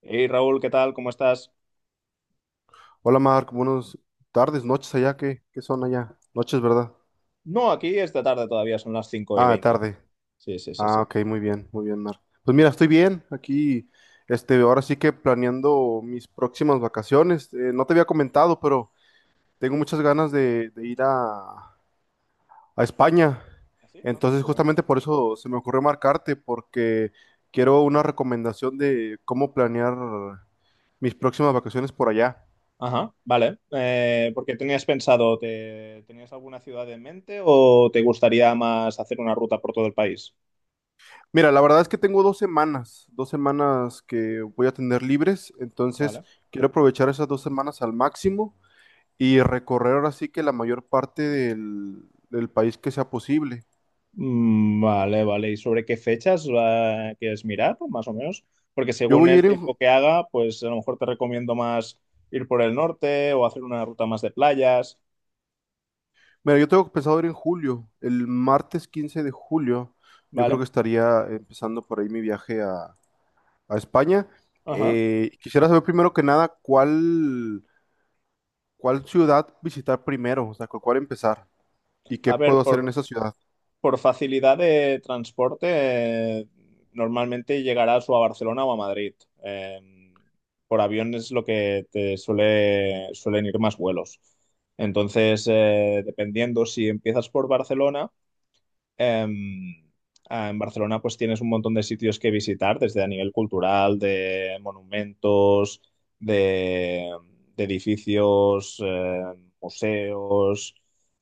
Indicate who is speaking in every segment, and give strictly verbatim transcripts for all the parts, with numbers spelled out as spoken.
Speaker 1: Hey Raúl, ¿qué tal? ¿Cómo estás?
Speaker 2: Hola Marc, buenas tardes, noches allá, ¿qué, qué son allá? Noches, ¿verdad?
Speaker 1: No, aquí esta tarde todavía, son las cinco y
Speaker 2: Ah,
Speaker 1: veinte.
Speaker 2: tarde.
Speaker 1: Sí, sí, sí,
Speaker 2: Ah,
Speaker 1: sí.
Speaker 2: ok, muy bien, muy bien, Marc. Pues mira, estoy bien aquí, este, ahora sí que planeando mis próximas vacaciones. Eh, no te había comentado, pero tengo muchas ganas de, de ir a, a España.
Speaker 1: ¿Ah, sí? Ah,
Speaker 2: Entonces,
Speaker 1: qué bueno.
Speaker 2: justamente por eso se me ocurrió marcarte, porque quiero una recomendación de cómo planear mis próximas vacaciones por allá.
Speaker 1: Ajá, vale. Eh, ¿por qué tenías pensado, te, tenías alguna ciudad en mente o te gustaría más hacer una ruta por todo el país?
Speaker 2: Mira, la verdad es que tengo dos semanas, dos semanas que voy a tener libres, entonces
Speaker 1: Vale.
Speaker 2: quiero aprovechar esas dos semanas al máximo y recorrer ahora sí que la mayor parte del, del país que sea posible.
Speaker 1: Mm, vale, vale. ¿Y sobre qué fechas eh, quieres mirar, más o menos? Porque
Speaker 2: Yo
Speaker 1: según
Speaker 2: voy a
Speaker 1: el
Speaker 2: ir en,
Speaker 1: tiempo
Speaker 2: ju-
Speaker 1: que haga, pues a lo mejor te recomiendo más ir por el norte o hacer una ruta más de playas.
Speaker 2: Mira, yo tengo pensado ir en julio, el martes quince de julio, yo creo
Speaker 1: Vale.
Speaker 2: que estaría empezando por ahí mi viaje a, a España.
Speaker 1: Ajá.
Speaker 2: Eh, quisiera saber primero que nada cuál, cuál ciudad visitar primero, o sea, con cuál empezar y qué
Speaker 1: A ver,
Speaker 2: puedo hacer en
Speaker 1: por...
Speaker 2: esa ciudad.
Speaker 1: por facilidad de transporte, eh, normalmente llegarás o a Barcelona o a Madrid. Eh, por avión es lo que te suele, suelen ir más vuelos. Entonces, eh, dependiendo si empiezas por Barcelona. Em, ah, en Barcelona pues tienes un montón de sitios que visitar, desde a nivel cultural, de monumentos, de, de edificios, eh, museos.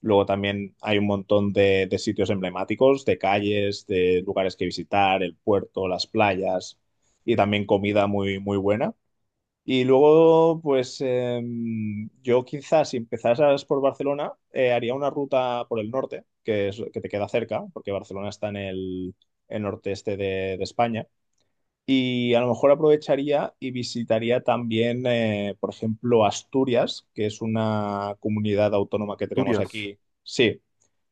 Speaker 1: Luego también hay un montón de, de sitios emblemáticos, de calles, de lugares que visitar, el puerto, las playas y también comida muy, muy buena. Y luego, pues em, yo quizás si empezaras por Barcelona, eh, haría una ruta por el norte, que es que te queda cerca, porque Barcelona está en el, el noreste de, de España. Y a lo mejor aprovecharía y visitaría también, eh, por ejemplo, Asturias, que es una comunidad autónoma que tenemos
Speaker 2: Asturias.
Speaker 1: aquí. Sí,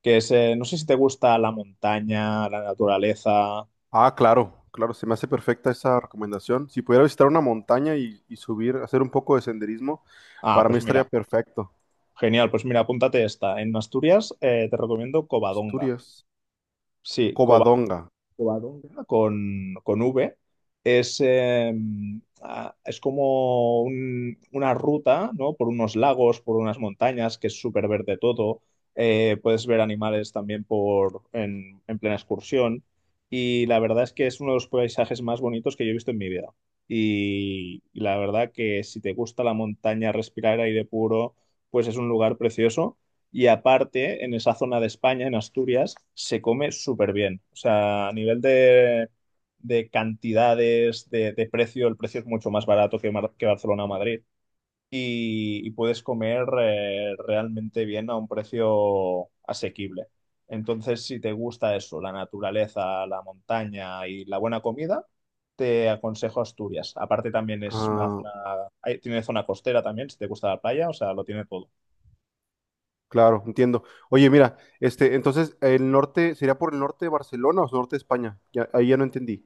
Speaker 1: que es, eh, no sé si te gusta la montaña, la naturaleza.
Speaker 2: Ah, claro, claro, se me hace perfecta esa recomendación. Si pudiera visitar una montaña y, y subir, hacer un poco de senderismo,
Speaker 1: Ah,
Speaker 2: para mí
Speaker 1: pues Mm.
Speaker 2: estaría
Speaker 1: mira,
Speaker 2: perfecto.
Speaker 1: genial, pues mira, apúntate esta. En Asturias, eh, te recomiendo Covadonga.
Speaker 2: Asturias,
Speaker 1: Sí, Cova-
Speaker 2: Covadonga.
Speaker 1: Covadonga con, con V. Es, eh, ah, es como un- una ruta, ¿no? Por unos lagos, por unas montañas, que es súper verde todo. Eh, puedes ver animales también por, en, en plena excursión. Y la verdad es que es uno de los paisajes más bonitos que yo he visto en mi vida. Y, y la verdad que si te gusta la montaña, respirar aire puro, pues es un lugar precioso. Y aparte, en esa zona de España, en Asturias, se come súper bien. O sea, a nivel de, de cantidades, de, de precio, el precio es mucho más barato que, Mar- que Barcelona o Madrid. Y, y puedes comer eh, realmente bien a un precio asequible. Entonces, si te gusta eso, la naturaleza, la montaña y la buena comida, te aconsejo Asturias. Aparte, también es una
Speaker 2: Ah,
Speaker 1: zona, hay- tiene zona costera también, si te gusta la playa, o sea, lo tiene todo.
Speaker 2: claro, entiendo. Oye, mira, este, entonces, el norte, ¿sería por el norte de Barcelona o norte de España? Ya, ahí ya no entendí.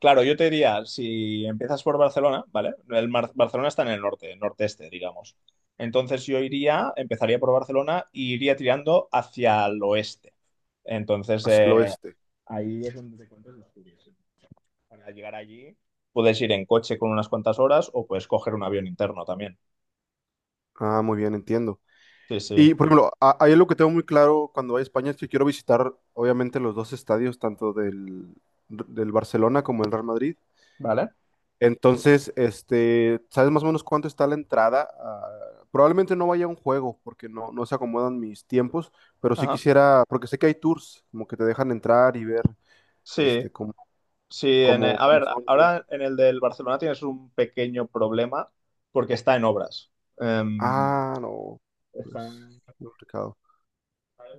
Speaker 1: Claro, yo te diría, si empiezas por Barcelona, ¿vale? El Mar- Barcelona está en el norte, norteste, digamos. Entonces yo iría, empezaría por Barcelona y iría tirando hacia el oeste. Entonces
Speaker 2: Hacia el
Speaker 1: eh,
Speaker 2: oeste.
Speaker 1: ahí es donde te encuentras los Asturias. Para llegar allí puedes ir en coche con unas cuantas horas o puedes coger un avión interno también.
Speaker 2: Ah, muy bien, entiendo.
Speaker 1: Sí, sí.
Speaker 2: Y, por ejemplo, a- ahí lo que tengo muy claro cuando voy a España es que quiero visitar, obviamente, los dos estadios, tanto del, del Barcelona como el Real Madrid.
Speaker 1: ¿Vale?
Speaker 2: Entonces, este, ¿sabes más o menos cuánto está la entrada? Ah, probablemente no vaya a un juego porque no, no se acomodan mis tiempos, pero sí
Speaker 1: Ajá.
Speaker 2: quisiera, porque sé que hay tours, como que te dejan entrar y ver,
Speaker 1: Sí,
Speaker 2: este, cómo,
Speaker 1: sí. En el-
Speaker 2: cómo,
Speaker 1: a
Speaker 2: cómo
Speaker 1: ver,
Speaker 2: son y todo eso.
Speaker 1: ahora en el del Barcelona tienes un pequeño problema porque está en obras. Em,
Speaker 2: Ah, no, pues,
Speaker 1: está en-
Speaker 2: muy complicado.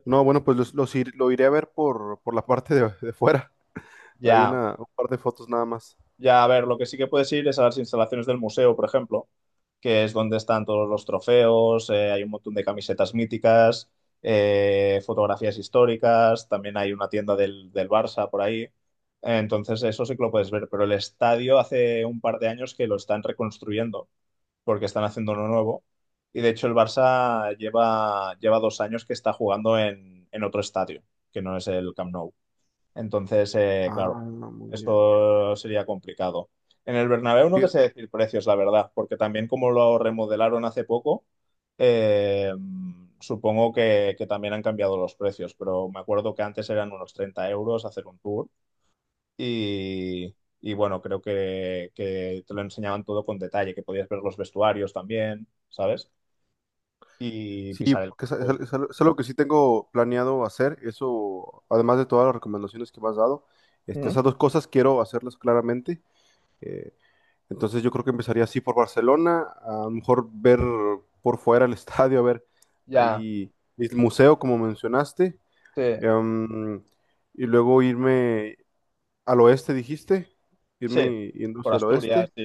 Speaker 2: No, bueno, pues los, los ir- lo iré a ver por, por la parte de, de fuera. Hay
Speaker 1: Ya,
Speaker 2: una, un par de fotos nada más.
Speaker 1: ya, a ver, lo que sí que puedes ir es a las instalaciones del museo, por ejemplo, que es donde están todos los trofeos, eh, hay un montón de camisetas míticas, eh, fotografías históricas, también hay una tienda del, del Barça por ahí. Entonces, eso sí que lo puedes ver, pero el estadio hace un par de años que lo están reconstruyendo, porque están haciendo uno nuevo. Y de hecho, el Barça lleva, lleva dos años que está jugando en, en otro estadio, que no es el Camp Nou. Entonces, eh,
Speaker 2: Ah,
Speaker 1: claro,
Speaker 2: no, muy bien.
Speaker 1: esto sería complicado. En el Bernabéu no te
Speaker 2: Fí-
Speaker 1: sé decir precios, la verdad, porque también como lo remodelaron hace poco, eh, supongo que, que también han cambiado los precios, pero me acuerdo que antes eran unos treinta euros hacer un tour y, y bueno, creo que, que te lo enseñaban todo con detalle, que podías ver los vestuarios también, ¿sabes? Y
Speaker 2: Sí,
Speaker 1: pisar el
Speaker 2: porque es, es-
Speaker 1: campo.
Speaker 2: es algo, es algo que sí tengo planeado hacer, eso, además de todas las recomendaciones que me has dado, este,
Speaker 1: Ujú.
Speaker 2: esas dos cosas quiero hacerlas claramente. eh, entonces yo creo que empezaría así por Barcelona, a lo mejor ver por fuera el estadio, a ver
Speaker 1: Ya,
Speaker 2: ahí el museo, como mencionaste,
Speaker 1: sí,
Speaker 2: em, y luego irme al oeste, dijiste,
Speaker 1: sí,
Speaker 2: irme yendo
Speaker 1: por
Speaker 2: hacia el
Speaker 1: Asturias,
Speaker 2: oeste,
Speaker 1: sí.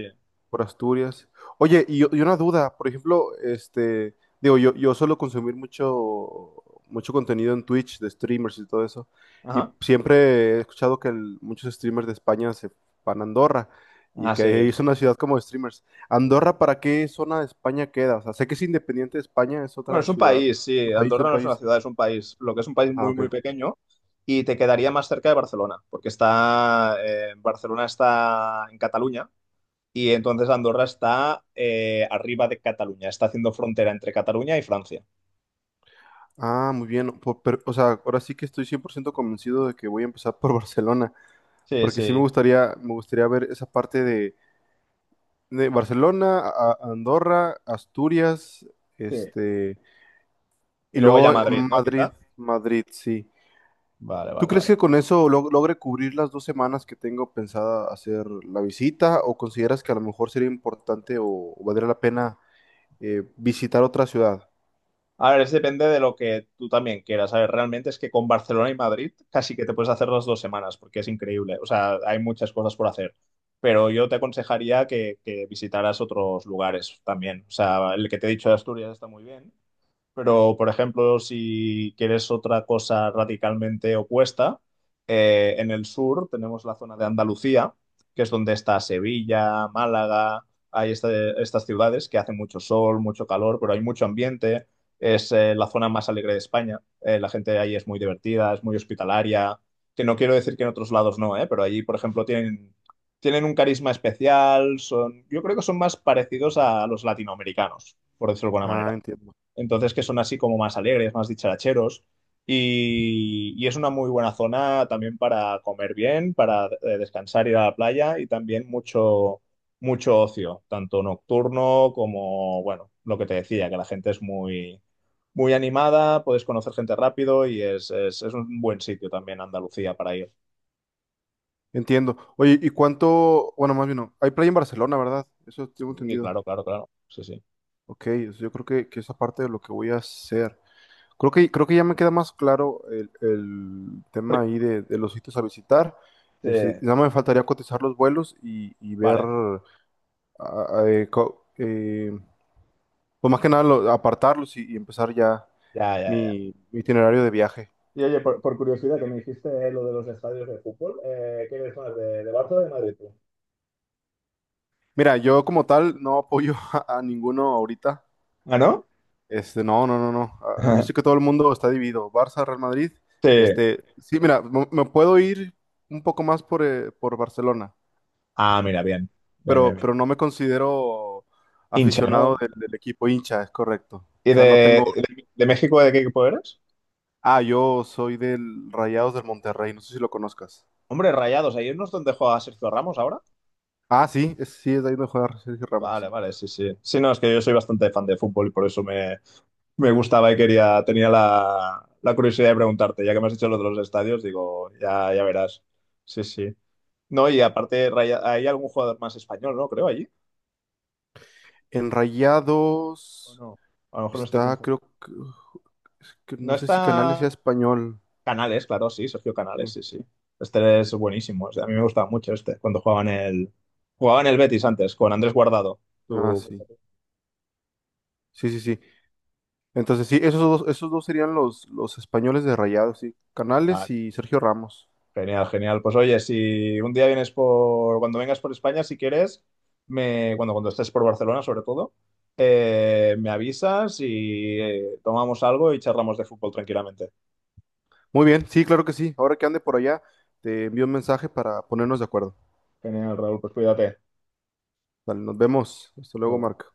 Speaker 2: por Asturias. Oye, y, y una duda, por ejemplo, este, digo, yo, yo suelo consumir mucho, mucho contenido en Twitch de streamers y todo eso, y
Speaker 1: Ajá.
Speaker 2: siempre he escuchado que el- muchos streamers de España se van a Andorra y
Speaker 1: Ah,
Speaker 2: que ahí
Speaker 1: sí.
Speaker 2: es una ciudad como de streamers. ¿Andorra para qué zona de España queda? O sea, sé que es independiente de España, es
Speaker 1: Bueno,
Speaker 2: otra
Speaker 1: es un
Speaker 2: ciudad,
Speaker 1: país,
Speaker 2: un
Speaker 1: sí.
Speaker 2: país, un
Speaker 1: Andorra no es una
Speaker 2: país.
Speaker 1: ciudad, es un país. Lo que es un país
Speaker 2: Ah,
Speaker 1: muy, muy
Speaker 2: ok.
Speaker 1: pequeño y te quedaría más cerca de Barcelona, porque está, eh, Barcelona está en Cataluña y entonces Andorra está eh, arriba de Cataluña, está haciendo frontera entre Cataluña y Francia.
Speaker 2: Ah, muy bien. Por- pero, o sea, ahora sí que estoy cien por ciento convencido de que voy a empezar por Barcelona,
Speaker 1: Sí,
Speaker 2: porque sí me
Speaker 1: sí,
Speaker 2: gustaría, me gustaría ver esa parte de de Barcelona, a- a Andorra, Asturias,
Speaker 1: sí.
Speaker 2: este,
Speaker 1: Y
Speaker 2: y
Speaker 1: luego ya
Speaker 2: luego
Speaker 1: Madrid, ¿no?
Speaker 2: Madrid,
Speaker 1: Quizá.
Speaker 2: Madrid, sí.
Speaker 1: Vale,
Speaker 2: ¿Tú
Speaker 1: vale,
Speaker 2: crees
Speaker 1: vale.
Speaker 2: que con eso log- logre cubrir las dos semanas que tengo pensada hacer la visita o consideras que a lo mejor sería importante o, o valdría la pena eh, visitar otra ciudad?
Speaker 1: A ver, es depende de lo que tú también quieras. A ver, realmente es que con Barcelona y Madrid casi que te puedes hacer las dos semanas, porque es increíble. O sea, hay muchas cosas por hacer. Pero yo te aconsejaría que, que visitaras otros lugares también. O sea, el que te he dicho de Asturias está muy bien, pero, por ejemplo, si quieres otra cosa radicalmente opuesta, eh, en el sur tenemos la zona de Andalucía, que es donde está Sevilla, Málaga, hay este- estas ciudades que hace mucho sol, mucho calor, pero hay mucho ambiente. Es eh, la zona más alegre de España. Eh, la gente ahí es muy divertida, es muy hospitalaria, que no quiero decir que en otros lados no, eh, pero allí, por ejemplo, tienen, tienen un carisma especial, son, yo creo que son más parecidos a los latinoamericanos, por decirlo de alguna
Speaker 2: Ah,
Speaker 1: manera
Speaker 2: entiendo.
Speaker 1: entonces que son así como más alegres, más dicharacheros. Y, y es una muy buena zona también para comer bien, para eh, descansar, ir a la playa y también mucho, mucho ocio, tanto nocturno como, bueno, lo que te decía, que la gente es muy, muy animada, puedes conocer gente rápido y es, es, es un buen sitio también Andalucía para ir.
Speaker 2: Entiendo. Oye, ¿y cuánto? Bueno, más bien no. Hay playa en Barcelona, ¿verdad? Eso tengo
Speaker 1: Y
Speaker 2: entendido.
Speaker 1: claro, claro, claro, sí, sí.
Speaker 2: Ok, o sea, yo creo que, que esa parte de lo que voy a hacer. Creo que, creo que ya me queda más claro el, el tema
Speaker 1: Porque-
Speaker 2: ahí de, de los sitios a visitar. Este, nada más me faltaría cotizar los vuelos y, y ver,
Speaker 1: Vale,
Speaker 2: ah, ah, eh, co- eh, pues más que nada lo- apartarlos y, y empezar ya
Speaker 1: ya, ya, ya.
Speaker 2: mi, mi itinerario de viaje.
Speaker 1: Y oye, por, por curiosidad, que me dijiste lo de los estadios de fútbol, eh, ¿qué eres más, de, de Barça o de Madrid tú?
Speaker 2: Mira, yo como tal no apoyo a, a ninguno ahorita.
Speaker 1: ¿Ah, no?
Speaker 2: Este, no, no, no, no. Ah, yo sé que todo el mundo está dividido. Barça, Real Madrid.
Speaker 1: Sí.
Speaker 2: Este, sí, mira, me, me puedo ir un poco más por, eh, por Barcelona.
Speaker 1: Ah, mira, bien. Bien, bien,
Speaker 2: pero,
Speaker 1: bien.
Speaker 2: pero no me considero
Speaker 1: Hincha,
Speaker 2: aficionado
Speaker 1: ¿no?
Speaker 2: del, del equipo. Hincha, es correcto. O
Speaker 1: ¿Y de,
Speaker 2: sea, no tengo...
Speaker 1: de, de México de qué equipo eres?
Speaker 2: Ah, yo soy del Rayados del Monterrey, no sé si lo conozcas.
Speaker 1: Hombre, Rayados, ¿ahí no es donde juega Sergio Ramos ahora?
Speaker 2: Ah, sí, es- sí, es de ahí donde juega Sergio
Speaker 1: Vale,
Speaker 2: Ramos.
Speaker 1: vale, sí, sí. Sí, no, es que yo soy bastante fan de fútbol y por eso me, me gustaba y quería, tenía la, la curiosidad de preguntarte. Ya que me has dicho lo de los estadios, digo, ya, ya verás. Sí, sí. No, y aparte, Raya- hay algún jugador más español, ¿no? Creo, allí.
Speaker 2: En
Speaker 1: O
Speaker 2: Rayados
Speaker 1: no, a lo mejor me estoy
Speaker 2: está,
Speaker 1: confundiendo.
Speaker 2: creo que, es que
Speaker 1: No
Speaker 2: no sé si Canales sea
Speaker 1: está
Speaker 2: español.
Speaker 1: Canales, claro, sí, Sergio
Speaker 2: Sí.
Speaker 1: Canales, sí, sí. Este es buenísimo. O sea, a mí me gustaba mucho este, cuando jugaban el, jugaban el Betis antes, con Andrés Guardado.
Speaker 2: Ah,
Speaker 1: Tú-
Speaker 2: sí. Sí, sí, sí. Entonces, sí, esos dos, esos dos serían los, los españoles de Rayados, sí.
Speaker 1: Ah,
Speaker 2: Canales y Sergio Ramos.
Speaker 1: genial, genial. Pues oye, si un día vienes por, cuando vengas por España, si quieres, me, cuando, cuando estés por Barcelona, sobre todo, eh, me avisas y eh, tomamos algo y charlamos de fútbol tranquilamente.
Speaker 2: Muy bien, sí, claro que sí. Ahora que ande por allá, te envío un mensaje para ponernos de acuerdo.
Speaker 1: Genial, Raúl, pues cuídate.
Speaker 2: Vale, nos vemos. Hasta luego, Marco.